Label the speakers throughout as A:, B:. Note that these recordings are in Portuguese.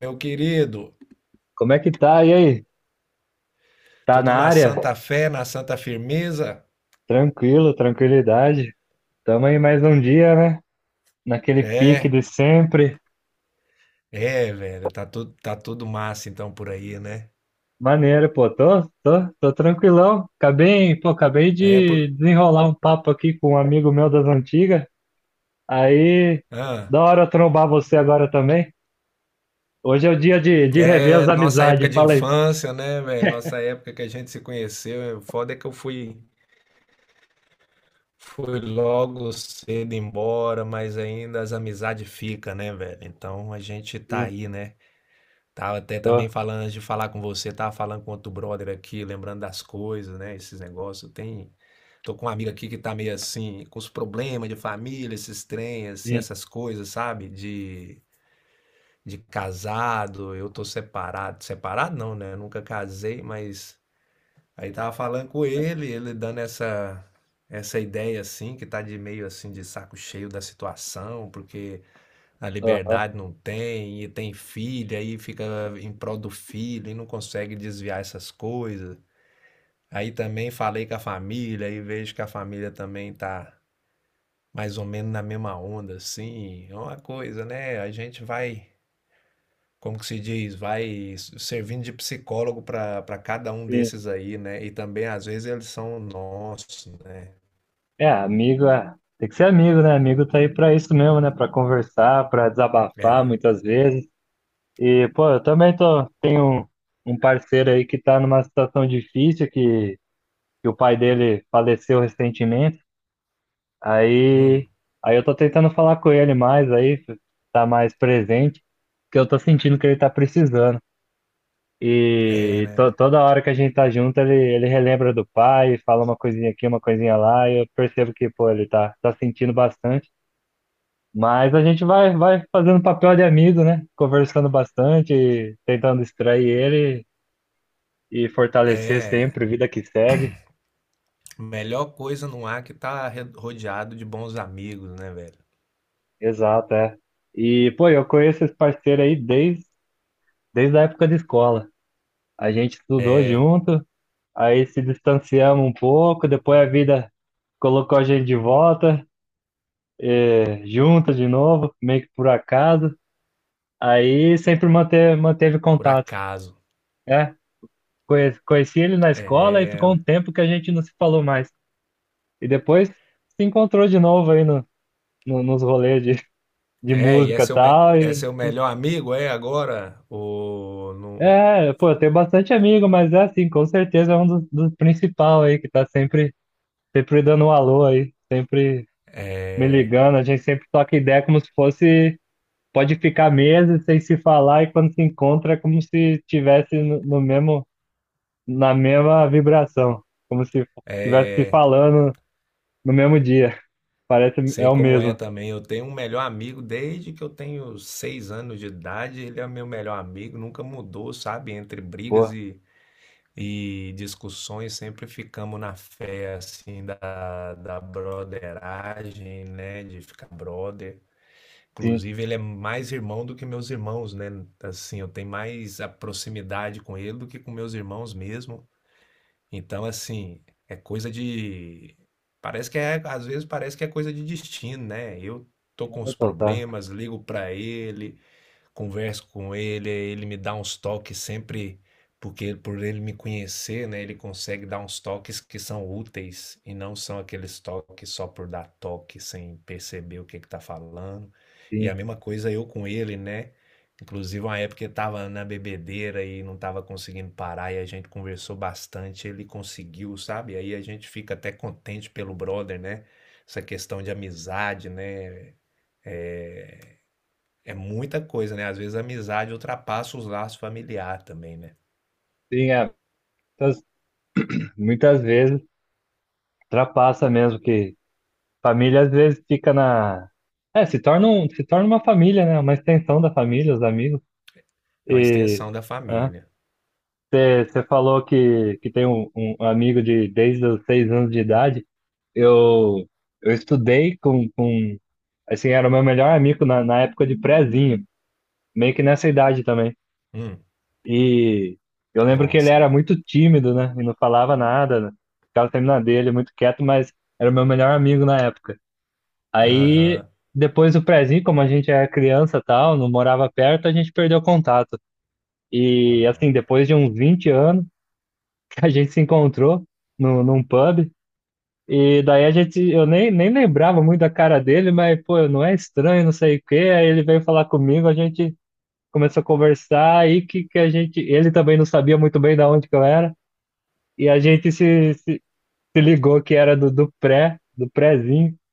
A: Meu querido.
B: Como é que tá? E aí? Tá
A: Tudo
B: na
A: na
B: área?
A: santa fé, na santa firmeza.
B: Tranquilo, tranquilidade. Tamo aí mais um dia, né? Naquele pique
A: É,
B: de sempre.
A: velho. Tá tudo massa então por aí, né?
B: Maneiro, pô. Tô tranquilão. Acabei, pô, acabei
A: É,
B: de
A: por...
B: desenrolar um papo aqui com um amigo meu das antigas. Aí,
A: ah,
B: da hora eu trombar você agora também. Hoje é o dia de rever
A: é
B: as
A: nossa época
B: amizades.
A: de
B: Fala aí.
A: infância, né, velho? Nossa época que a gente se conheceu. O foda é que eu fui logo cedo embora, mas ainda as amizades ficam, né, velho? Então a gente tá
B: Sim,
A: aí, né? Tava até
B: ó,
A: também falando antes de falar com você, tava falando com outro brother aqui, lembrando das coisas, né? Esses negócios. Tem. Tô com uma amiga aqui que tá meio assim, com os problemas de família, esses trem, assim,
B: sim,
A: essas coisas, sabe? De casado, eu tô separado. Separado não, né? Eu nunca casei, mas aí tava falando com ele, ele dando essa ideia assim, que tá de meio assim, de saco cheio da situação, porque a
B: ó, ó,
A: liberdade não tem, e tem filho aí fica em prol do filho, e não consegue desviar essas coisas. Aí também falei com a família, e vejo que a família também tá mais ou menos na mesma onda, assim. É uma coisa, né? A gente vai, como que se diz, vai servindo de psicólogo para cada um
B: sim.
A: desses aí, né? E também, às vezes, eles são nossos, né?
B: É, amigo, é. Tem que ser amigo, né? Amigo tá aí pra isso mesmo, né? Pra conversar, pra desabafar
A: É.
B: muitas vezes. E, pô, eu também tenho um parceiro aí que tá numa situação difícil, que o pai dele faleceu recentemente.
A: Hum.
B: Aí, aí, eu tô tentando falar com ele mais, aí tá mais presente, porque eu tô sentindo que ele tá precisando.
A: É,
B: E
A: né?
B: toda hora que a gente tá junto, ele relembra do pai, fala uma coisinha aqui, uma coisinha lá, e eu percebo que, pô, ele tá sentindo bastante. Mas a gente vai fazendo papel de amigo, né? Conversando bastante, tentando distrair ele e fortalecer
A: É.
B: sempre, vida que segue.
A: Melhor coisa não há que tá rodeado de bons amigos, né, velho?
B: Exato, é. E, pô, eu conheço esse parceiro aí desde a época de escola. A gente estudou junto, aí se distanciamos um pouco, depois a vida colocou a gente de volta, junto de novo, meio que por acaso. Aí sempre manteve
A: Por
B: contato.
A: acaso.
B: É, conheci ele na escola e ficou um tempo que a gente não se falou mais. E depois se encontrou de novo aí nos rolês de
A: É, e é
B: música e
A: seu, me...
B: tal,
A: é
B: e,
A: seu
B: e
A: melhor amigo, é agora? Ou não...
B: É, pô, eu tenho bastante amigo, mas é assim, com certeza é um dos principal aí, que tá sempre dando um alô aí, sempre me ligando, a gente sempre toca ideia como se fosse, pode ficar meses sem se falar e quando se encontra é como se tivesse no mesmo, na mesma vibração, como se tivesse se falando no mesmo dia, parece, é
A: Sei
B: o
A: como é
B: mesmo,
A: também. Eu tenho um melhor amigo desde que eu tenho 6 anos de idade. Ele é meu melhor amigo, nunca mudou, sabe? Entre brigas
B: pô,
A: e discussões, sempre ficamos na fé, assim, da, da brotheragem, né? De ficar brother.
B: sim,
A: Inclusive, ele é mais irmão do que meus irmãos, né? Assim, eu tenho mais a proximidade com ele do que com meus irmãos mesmo. Então, assim, é coisa de. Parece que é, às vezes parece que é coisa de destino, né? Eu tô com os
B: então tá,
A: problemas, ligo pra ele, converso com ele, ele me dá uns toques sempre, porque por ele me conhecer, né, ele consegue dar uns toques que são úteis e não são aqueles toques só por dar toque sem perceber o que que tá falando. E a
B: sim,
A: mesma coisa eu com ele, né? Inclusive, uma época eu tava na bebedeira e não tava conseguindo parar, e a gente conversou bastante, ele conseguiu, sabe? Aí a gente fica até contente pelo brother, né? Essa questão de amizade, né? É muita coisa, né? Às vezes a amizade ultrapassa os laços familiares também, né?
B: sim, é, muitas, muitas vezes ultrapassa mesmo que família às vezes fica na. É, se torna uma família, né? Uma extensão da família, os amigos.
A: É uma
B: E
A: extensão da família.
B: você falou que tem um amigo de desde os 6 anos de idade. Eu, eu estudei com. Assim, era o meu melhor amigo na época de prézinho, meio que nessa idade também.
A: Hum,
B: E eu lembro que ele
A: nossa.
B: era muito tímido, né? E não falava nada, né? Ficava sempre na dele, muito quieto, mas era o meu melhor amigo na época. Aí,
A: Aham.
B: depois do prézinho, como a gente era criança e tal, não morava perto, a gente perdeu contato. E, assim,
A: Ah,
B: depois de uns 20 anos, que a gente se encontrou no, num pub. E daí eu nem lembrava muito da cara dele, mas, pô, não é estranho, não sei o quê. Aí ele veio falar comigo, a gente começou a conversar, aí que ele também não sabia muito bem da onde que eu era. E a gente se ligou que era do prézinho.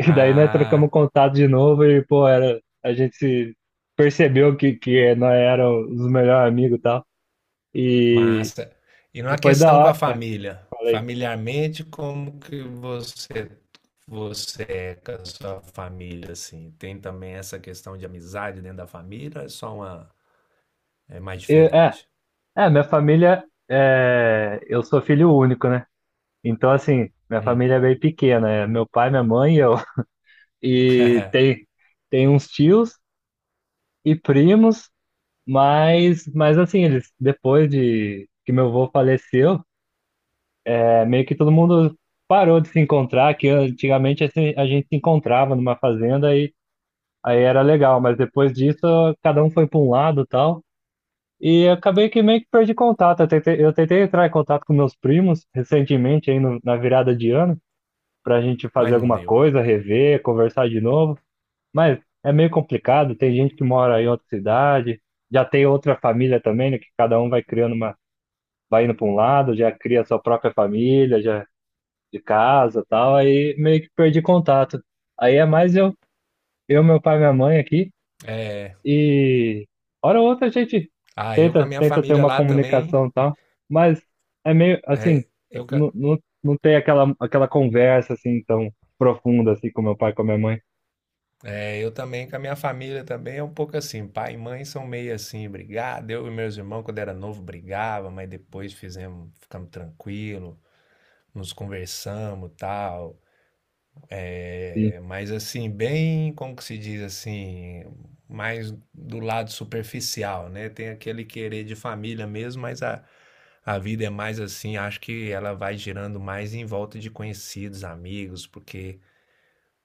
B: E daí nós
A: Ah,
B: trocamos contato de novo e, pô, a gente se percebeu que nós éramos os melhores amigos e tal. E,
A: massa. E na
B: e foi da
A: questão com a
B: hora. É,
A: família,
B: falei.
A: familiarmente, como que você é com a sua família assim? Tem também essa questão de amizade dentro da família, ou é só uma é mais
B: E,
A: diferente.
B: minha família, eu sou filho único, né? Então, assim, minha
A: Hum.
B: família é bem pequena. É meu pai, minha mãe e eu. E tem uns tios e primos, mas assim, eles, depois de que meu avô faleceu, é meio que todo mundo parou de se encontrar, que antigamente assim, a gente se encontrava numa fazenda e aí era legal, mas depois disso cada um foi para um lado e tal. E acabei que meio que perdi contato. Eu tentei entrar em contato com meus primos recentemente, aí na virada de ano, para a gente fazer
A: Mas não
B: alguma
A: deu.
B: coisa, rever, conversar de novo. Mas é meio complicado, tem gente que mora em outra cidade, já tem outra família também, né, que cada um vai criando uma, vai indo para um lado, já cria sua própria família, já de casa e tal, aí meio que perdi contato. Aí é mais eu, meu pai e minha mãe aqui,
A: É,
B: e hora ou outra a gente
A: ah, eu com a minha
B: tenta ter
A: família
B: uma
A: lá também,
B: comunicação e tal, mas é meio assim,
A: é, eu,
B: não tem aquela conversa assim tão profunda assim com meu pai e com a minha mãe.
A: É, eu também, com a minha família também é um pouco assim. Pai e mãe são meio assim, brigado. Eu e meus irmãos, quando era novo, brigava, mas depois fizemos, ficamos tranquilos, nos conversamos e tal.
B: Sim,
A: É, mas assim, bem, como que se diz assim, mais do lado superficial, né? Tem aquele querer de família mesmo, mas a vida é mais assim, acho que ela vai girando mais em volta de conhecidos, amigos, porque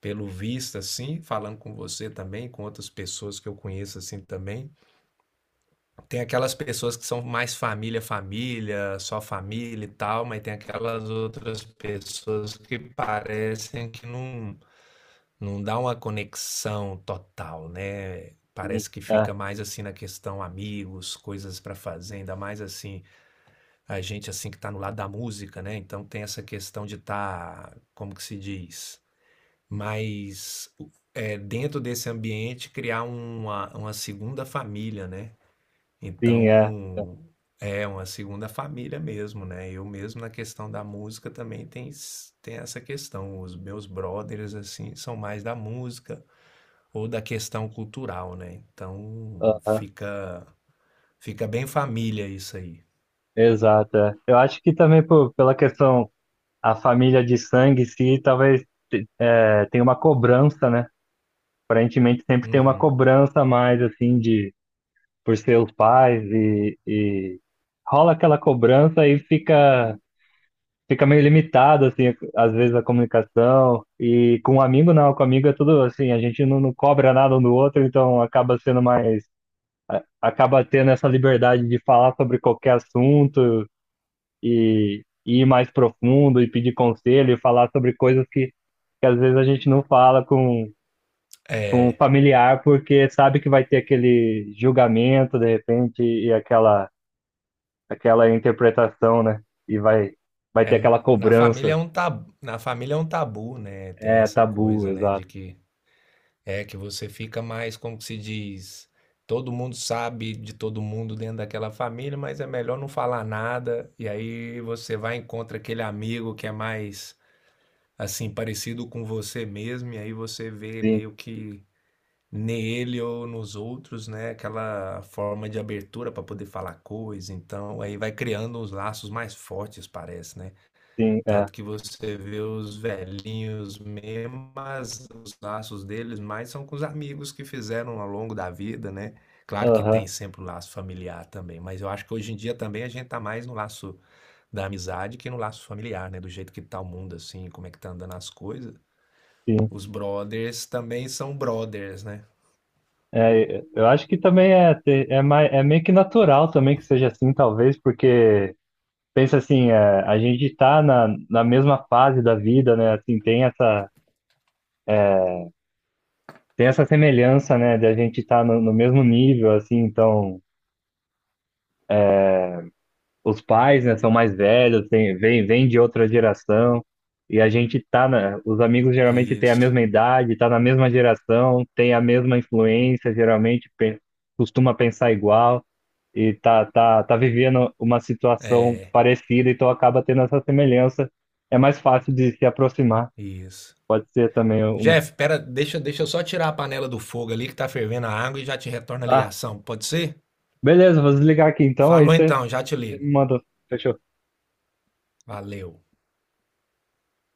A: pelo visto, assim, falando com você também, com outras pessoas que eu conheço, assim, também. Tem aquelas pessoas que são mais família, família, só família e tal, mas tem aquelas outras pessoas que parecem que não, não dá uma conexão total, né?
B: sim,
A: Parece que
B: é,
A: fica mais assim na questão amigos, coisas para fazer, ainda mais assim, a gente assim que tá no lado da música, né? Então tem essa questão de estar como que se diz? Mas é, dentro desse ambiente criar uma segunda família, né?
B: sim, é,
A: Então é uma segunda família mesmo, né? Eu mesmo na questão da música também tem, tem essa questão. Os meus brothers assim são mais da música ou da questão cultural, né? Então
B: é,
A: fica bem família isso aí.
B: exato. É. Eu acho que também pela questão, a família de sangue em si, talvez tenha uma cobrança, né? Aparentemente sempre tem uma
A: Uhum.
B: cobrança a mais assim de por seus pais e rola aquela cobrança e fica meio limitado assim, às vezes a comunicação e com um amigo não, com o amigo é tudo assim, a gente não cobra nada um do outro, então acaba sendo mais acaba tendo essa liberdade de falar sobre qualquer assunto e ir mais profundo e pedir conselho e falar sobre coisas que às vezes a gente não fala com um
A: É,
B: familiar porque sabe que vai ter aquele julgamento de repente e aquela interpretação, né? E vai
A: é,
B: ter aquela
A: na família
B: cobrança.
A: é um tabu, na família é um tabu, né? Tem
B: É
A: essa
B: tabu,
A: coisa, né,
B: exato.
A: de que é que você fica mais, como que se diz, todo mundo sabe de todo mundo dentro daquela família, mas é melhor não falar nada. E aí você vai e encontra aquele amigo que é mais assim parecido com você mesmo, e aí você vê
B: Sim,
A: meio que nele ou nos outros, né, aquela forma de abertura para poder falar coisa. Então, aí vai criando uns laços mais fortes, parece, né?
B: sim, é.
A: Tanto que você vê os velhinhos mesmo, mas os laços deles mais são com os amigos que fizeram ao longo da vida, né? Claro que
B: Aham,
A: tem sempre o laço familiar também, mas eu acho que hoje em dia também a gente tá mais no laço da amizade que no laço familiar, né? Do jeito que tá o mundo, assim, como é que tá andando as coisas.
B: sim.
A: Os brothers também são brothers, né?
B: É, eu acho que também mais, é meio que natural também que seja assim, talvez, porque pensa assim, a gente tá na mesma fase da vida, né? Assim, tem essa semelhança, né? De a gente estar no mesmo nível, assim, então. Os pais, né, são mais velhos, vem de outra geração, e a gente os amigos geralmente têm a
A: Isso.
B: mesma idade, tá na mesma geração, tem a mesma influência, geralmente costuma pensar igual, e tá vivendo uma situação
A: É,
B: parecida, então acaba tendo essa semelhança. É mais fácil de se aproximar,
A: isso.
B: pode ser também um.
A: Jeff, pera, deixa eu só tirar a panela do fogo ali que tá fervendo a água e já te retorno a
B: Ah,
A: ligação, pode ser?
B: beleza, vou desligar aqui então, aí
A: Falou
B: você
A: então, já te
B: você me
A: ligo.
B: manda. Fechou.
A: Valeu.